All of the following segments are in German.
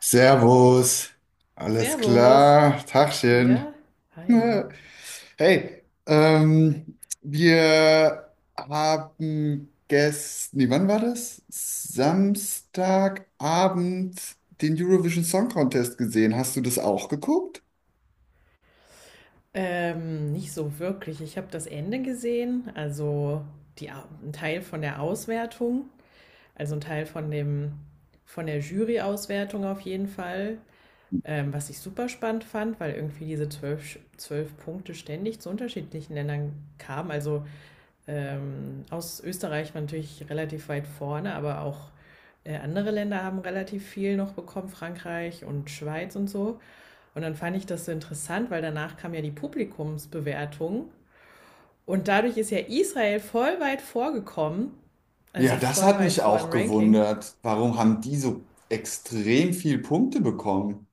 Servus, alles Servus. klar, Tagchen. Ja, hi. Hey, wir haben gestern, nee, wann war das? Samstagabend den Eurovision Song Contest gesehen. Hast du das auch geguckt? Nicht so wirklich. Ich habe das Ende gesehen, also ein Teil von der Auswertung, also ein Teil von dem, von der Jury-Auswertung auf jeden Fall, was ich super spannend fand, weil irgendwie diese zwölf Punkte ständig zu unterschiedlichen Ländern kamen. Aus Österreich war natürlich relativ weit vorne, aber auch andere Länder haben relativ viel noch bekommen, Frankreich und Schweiz und so. Und dann fand ich das so interessant, weil danach kam ja die Publikumsbewertung und dadurch ist ja Israel voll weit vorgekommen, also Ja, das voll hat weit mich vor im auch Ranking. gewundert. Warum haben die so extrem viel Punkte bekommen?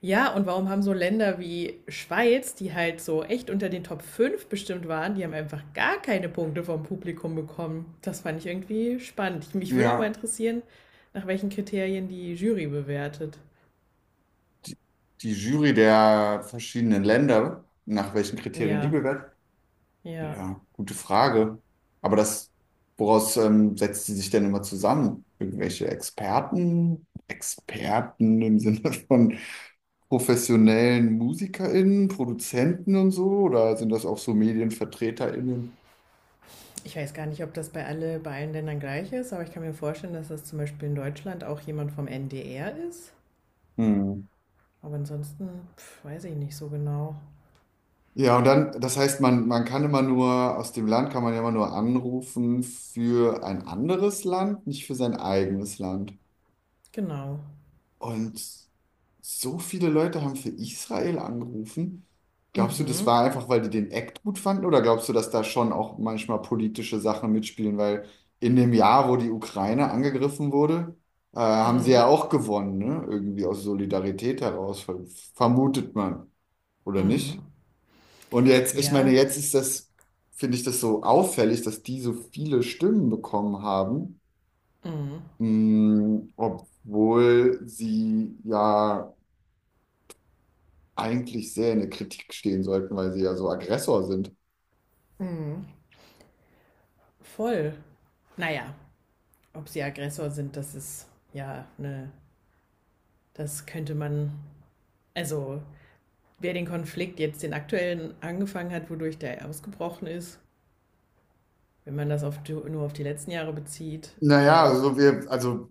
Ja, und warum haben so Länder wie Schweiz, die halt so echt unter den Top 5 bestimmt waren, die haben einfach gar keine Punkte vom Publikum bekommen? Das fand ich irgendwie spannend. Mich würde auch mal Ja, interessieren, nach welchen Kriterien die Jury bewertet. die, die Jury der verschiedenen Länder, nach welchen Kriterien die Ja, bewertet. ja. Ja, gute Frage. Aber das, woraus setzt sie sich denn immer zusammen? Irgendwelche Experten? Experten im Sinne von professionellen MusikerInnen, Produzenten und so? Oder sind das auch so MedienvertreterInnen? Ich weiß gar nicht, ob das bei allen Ländern gleich ist, aber ich kann mir vorstellen, dass das zum Beispiel in Deutschland auch jemand vom NDR ist. Hm. Aber ansonsten, pf, weiß ich nicht so genau. Ja, und dann, das heißt, man kann immer nur, aus dem Land kann man ja immer nur anrufen für ein anderes Land, nicht für sein eigenes Land. Genau. Und so viele Leute haben für Israel angerufen. Glaubst du, das Mhm. war einfach, weil die den Act gut fanden? Oder glaubst du, dass da schon auch manchmal politische Sachen mitspielen? Weil in dem Jahr, wo die Ukraine angegriffen wurde, haben sie Mhm. ja auch gewonnen, ne? Irgendwie aus Solidarität heraus, vermutet man, oder nicht? Mhm. Und jetzt, ich meine, Ja. jetzt ist das, finde ich das so auffällig, dass die so viele Stimmen bekommen haben, Mhm. mh, obwohl sie ja eigentlich sehr in der Kritik stehen sollten, weil sie ja so Aggressor sind. Mhm. Voll. Naja, ob sie Aggressor sind, das ist ja ne, das könnte man, also wer den Konflikt jetzt den aktuellen angefangen hat, wodurch der ausgebrochen ist, wenn man das nur auf die letzten Jahre bezieht Naja, oder auf, also wir, also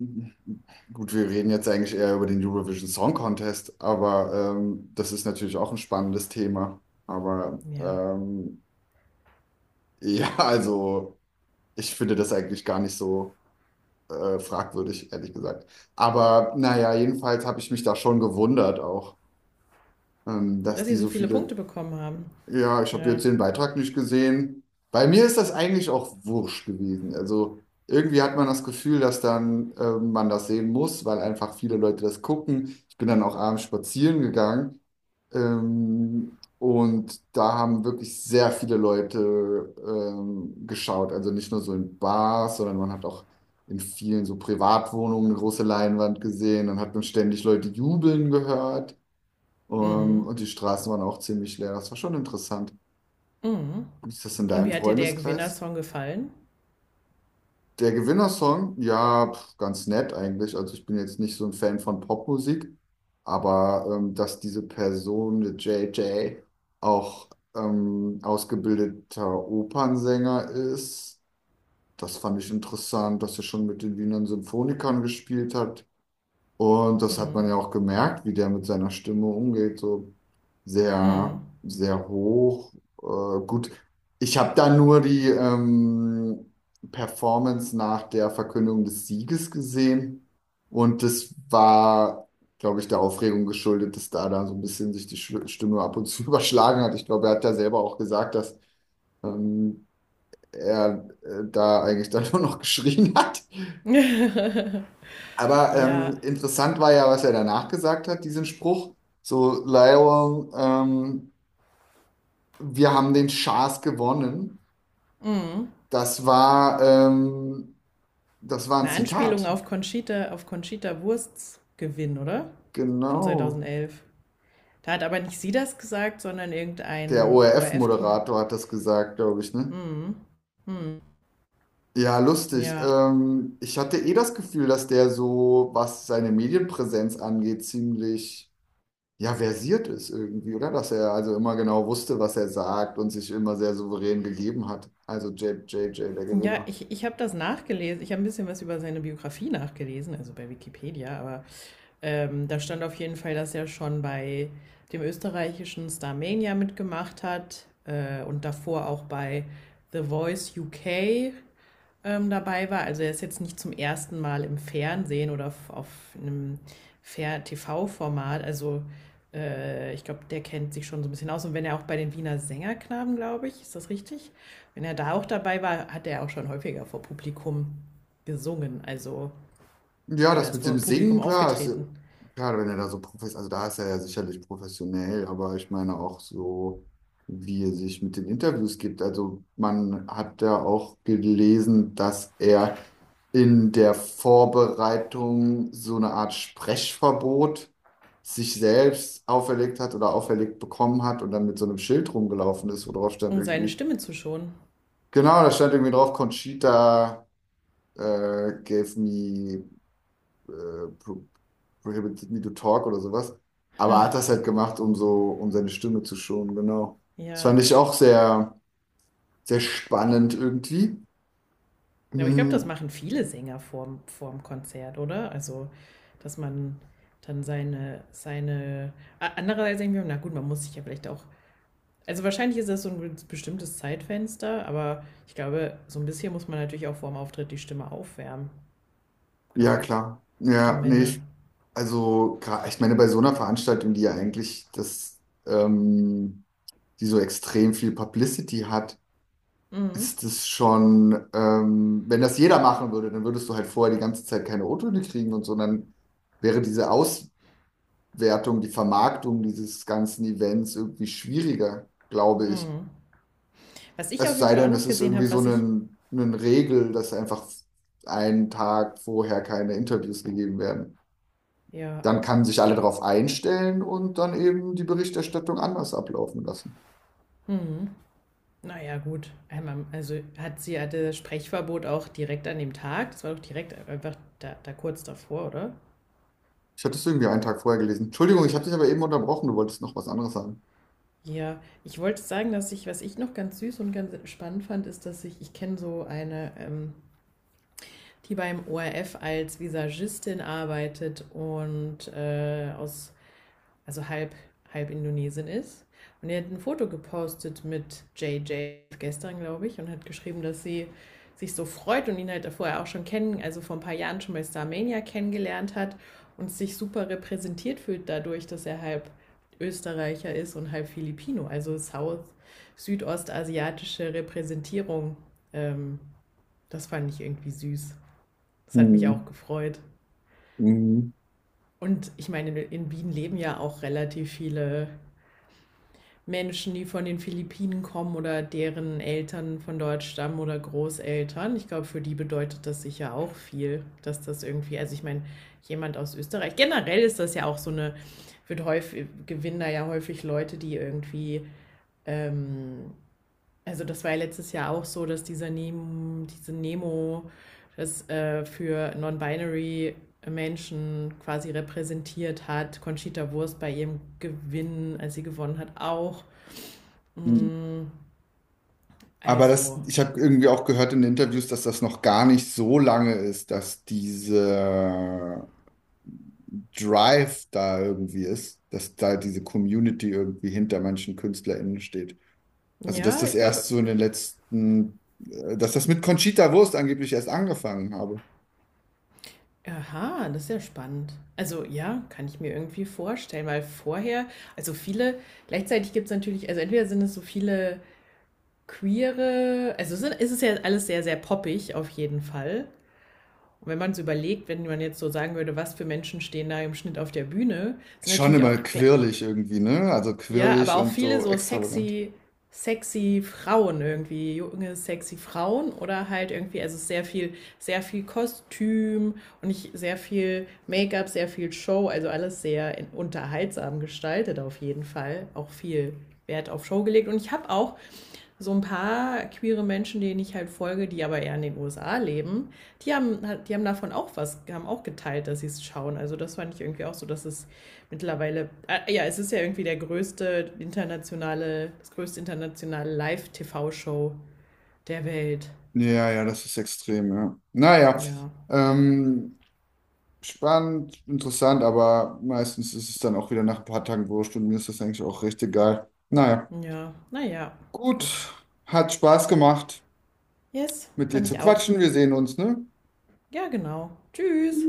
gut, wir reden jetzt eigentlich eher über den Eurovision Song Contest, aber das ist natürlich auch ein spannendes Thema. Aber ja, ja, also ich finde das eigentlich gar nicht so fragwürdig, ehrlich gesagt. Aber naja, jedenfalls habe ich mich da schon gewundert auch, dass dass die sie so so viele viele. Punkte bekommen haben. Ja, ich habe Ja. jetzt den Beitrag nicht gesehen. Bei mir ist das eigentlich auch wurscht gewesen. Also irgendwie hat man das Gefühl, dass dann man das sehen muss, weil einfach viele Leute das gucken. Ich bin dann auch abends spazieren gegangen. Und da haben wirklich sehr viele Leute geschaut. Also nicht nur so in Bars, sondern man hat auch in vielen so Privatwohnungen eine große Leinwand gesehen. Dann hat man ständig Leute jubeln gehört. Mhm. Und die Straßen waren auch ziemlich leer. Das war schon interessant. Mhm. Wie ist das in Und deinem wie hat dir der Freundeskreis? Gewinnersong gefallen? Der Gewinnersong, ja, pf, ganz nett eigentlich. Also ich bin jetzt nicht so ein Fan von Popmusik, aber dass diese Person, der JJ, auch ausgebildeter Opernsänger ist, das fand ich interessant, dass er schon mit den Wiener Symphonikern gespielt hat. Und das hat Mhm. man ja auch gemerkt, wie der mit seiner Stimme umgeht, so Mhm. sehr, sehr hoch. Gut, ich habe da nur die Performance nach der Verkündung des Sieges gesehen und das war, glaube ich, der Aufregung geschuldet, dass da dann so ein bisschen sich die Stimme ab und zu überschlagen hat. Ich glaube, er hat da selber auch gesagt, dass ähm, er da eigentlich dann nur noch geschrien hat. Aber Ja, interessant war ja, was er danach gesagt hat, diesen Spruch. So, Lionel, wir haben den Schaß gewonnen. Das war, ähm, das war ein eine Anspielung Zitat. Auf Conchita Wursts Gewinn, oder? Von Genau. 2011. Da hat aber nicht sie das gesagt, sondern Der irgendein ORF-Kommentar. ORF-Moderator hat das gesagt, glaube ich, ne? Ja, lustig. Ja. Ich hatte eh das Gefühl, dass der so, was seine Medienpräsenz angeht, ziemlich, ja, versiert ist irgendwie, oder? Dass er also immer genau wusste, was er sagt und sich immer sehr souverän gegeben hat. Also J J, der Ja, Gewinner. ich habe das nachgelesen. Ich habe ein bisschen was über seine Biografie nachgelesen, also bei Wikipedia, aber da stand auf jeden Fall, dass er schon bei dem österreichischen Starmania mitgemacht hat und davor auch bei The Voice UK dabei war. Also er ist jetzt nicht zum ersten Mal im Fernsehen oder auf einem Fer- TV-Format. Also ich glaube, der kennt sich schon so ein bisschen aus. Und wenn er auch bei den Wiener Sängerknaben, glaube ich, ist das richtig? Wenn er da auch dabei war, hat er auch schon häufiger vor Publikum gesungen. Also, Ja, oder das ist mit dem vor Publikum Singen, klar, ist, ja, aufgetreten, klar, wenn er da so professionell, also da ist er ja sicherlich professionell, aber ich meine auch so, wie er sich mit den Interviews gibt. Also man hat ja auch gelesen, dass er in der Vorbereitung so eine Art Sprechverbot sich selbst auferlegt hat oder auferlegt bekommen hat und dann mit so einem Schild rumgelaufen ist, wo drauf stand um seine irgendwie, Stimme zu schonen. genau, da stand irgendwie drauf, Conchita gave me äh, pro prohibited me to talk oder sowas. Aber er hat das halt gemacht, um so, um seine Stimme zu schonen, genau. Das Ja, fand ich auch sehr, sehr spannend irgendwie. ja, aber ich glaube, das Hm, machen viele Sänger vorm Konzert, oder? Also, dass man dann seine. A- Andererseits denke ich mir, na gut, man muss sich ja vielleicht auch. Also, wahrscheinlich ist das so ein bestimmtes Zeitfenster, aber ich glaube, so ein bisschen muss man natürlich auch vorm Auftritt die Stimme aufwärmen, ja, glaube ich. klar. Ja, nee, Stimmbänder. ich, also, ich meine, bei so einer Veranstaltung, die ja eigentlich das, ähm, die so extrem viel Publicity hat, Mhm. ist es schon, wenn das jeder machen würde, dann würdest du halt vorher die ganze Zeit keine O-Töne kriegen und so, und dann wäre diese Aus, Wertung, die Vermarktung dieses ganzen Events irgendwie schwieriger, glaube ich. Was ich Es auf jeden sei Fall auch denn, noch es ist gesehen irgendwie habe, so was ich. eine Regel, dass einfach einen Tag vorher keine Interviews gegeben werden. Ja. Dann kann sich alle darauf einstellen und dann eben die Berichterstattung anders ablaufen lassen. Mhm. Naja, gut. Einmal, also hatte Sprechverbot auch direkt an dem Tag. Das war doch direkt einfach da kurz davor, oder? Ich hatte es irgendwie einen Tag vorher gelesen. Entschuldigung, ich habe dich aber eben unterbrochen. Du wolltest noch was anderes sagen. Ja, ich wollte sagen, dass ich, was ich noch ganz süß und ganz spannend fand, ist, dass ich kenne so eine, die beim ORF als Visagistin arbeitet und aus also halb, halb Indonesien ist. Und er hat ein Foto gepostet mit JJ gestern, glaube ich, und hat geschrieben, dass sie sich so freut und ihn halt vorher auch schon kennen, also vor ein paar Jahren schon bei Starmania kennengelernt hat und sich super repräsentiert fühlt dadurch, dass er halb Österreicher ist und halb Filipino, südostasiatische Repräsentierung. Ähm, Das fand ich irgendwie süß. Das hat mich auch Hm, gefreut. hm, Und ich meine, in Wien leben ja auch relativ viele Menschen, die von den Philippinen kommen oder deren Eltern von dort stammen oder Großeltern. Ich glaube, für die bedeutet das sicher auch viel, dass das irgendwie, also ich meine, jemand aus Österreich, generell ist das ja auch so eine, wird häufig, gewinnen da ja häufig Leute, die irgendwie, ähm, also das war ja letztes Jahr auch so, dass diese Nemo, das für Non-Binary Menschen quasi repräsentiert hat. Conchita Wurst bei ihrem Gewinn, als sie gewonnen hat, auch. hm. Hm, Aber das, also, ich habe irgendwie auch gehört in Interviews, dass das noch gar nicht so lange ist, dass diese Drive da irgendwie ist, dass da diese Community irgendwie hinter manchen KünstlerInnen steht. Also, dass ja, das ich glaube, erst so in den letzten, dass das mit Conchita Wurst angeblich erst angefangen habe. aha, das ist ja spannend. Also, ja, kann ich mir irgendwie vorstellen, weil vorher, also viele, gleichzeitig gibt es natürlich, also entweder sind es so viele queere, ist es ist ja alles sehr, sehr poppig auf jeden Fall. Und wenn man es überlegt, wenn man jetzt so sagen würde, was für Menschen stehen da im Schnitt auf der Bühne, sind Schon natürlich immer auch gl- quirlig irgendwie, ne? Also Ja, aber quirlig auch und viele so so extravagant. sexy, sexy Frauen irgendwie, junge, sexy Frauen oder halt irgendwie, also sehr viel Kostüm und sehr viel Make-up, sehr viel Show, also alles sehr unterhaltsam gestaltet auf jeden Fall. Auch viel Wert auf Show gelegt. Und ich habe auch so ein paar queere Menschen, denen ich halt folge, die aber eher in den USA leben, die haben, die haben davon auch was, haben auch geteilt, dass sie es schauen. Also das fand ich irgendwie auch so, dass es mittlerweile, ja, es ist ja irgendwie der größte internationale, das größte internationale Live-TV-Show der Welt. Ja, ja, das ist extrem, ja. Naja, Ja, ähm, spannend, interessant, aber meistens ist es dann auch wieder nach ein paar Tagen wurscht und mir ist das eigentlich auch recht egal. Naja, ja, naja, gut. gut, hat Spaß gemacht, Yes, mit dir fand zu ich auch. quatschen. Wir sehen uns, ne? Ja, genau. Tschüss.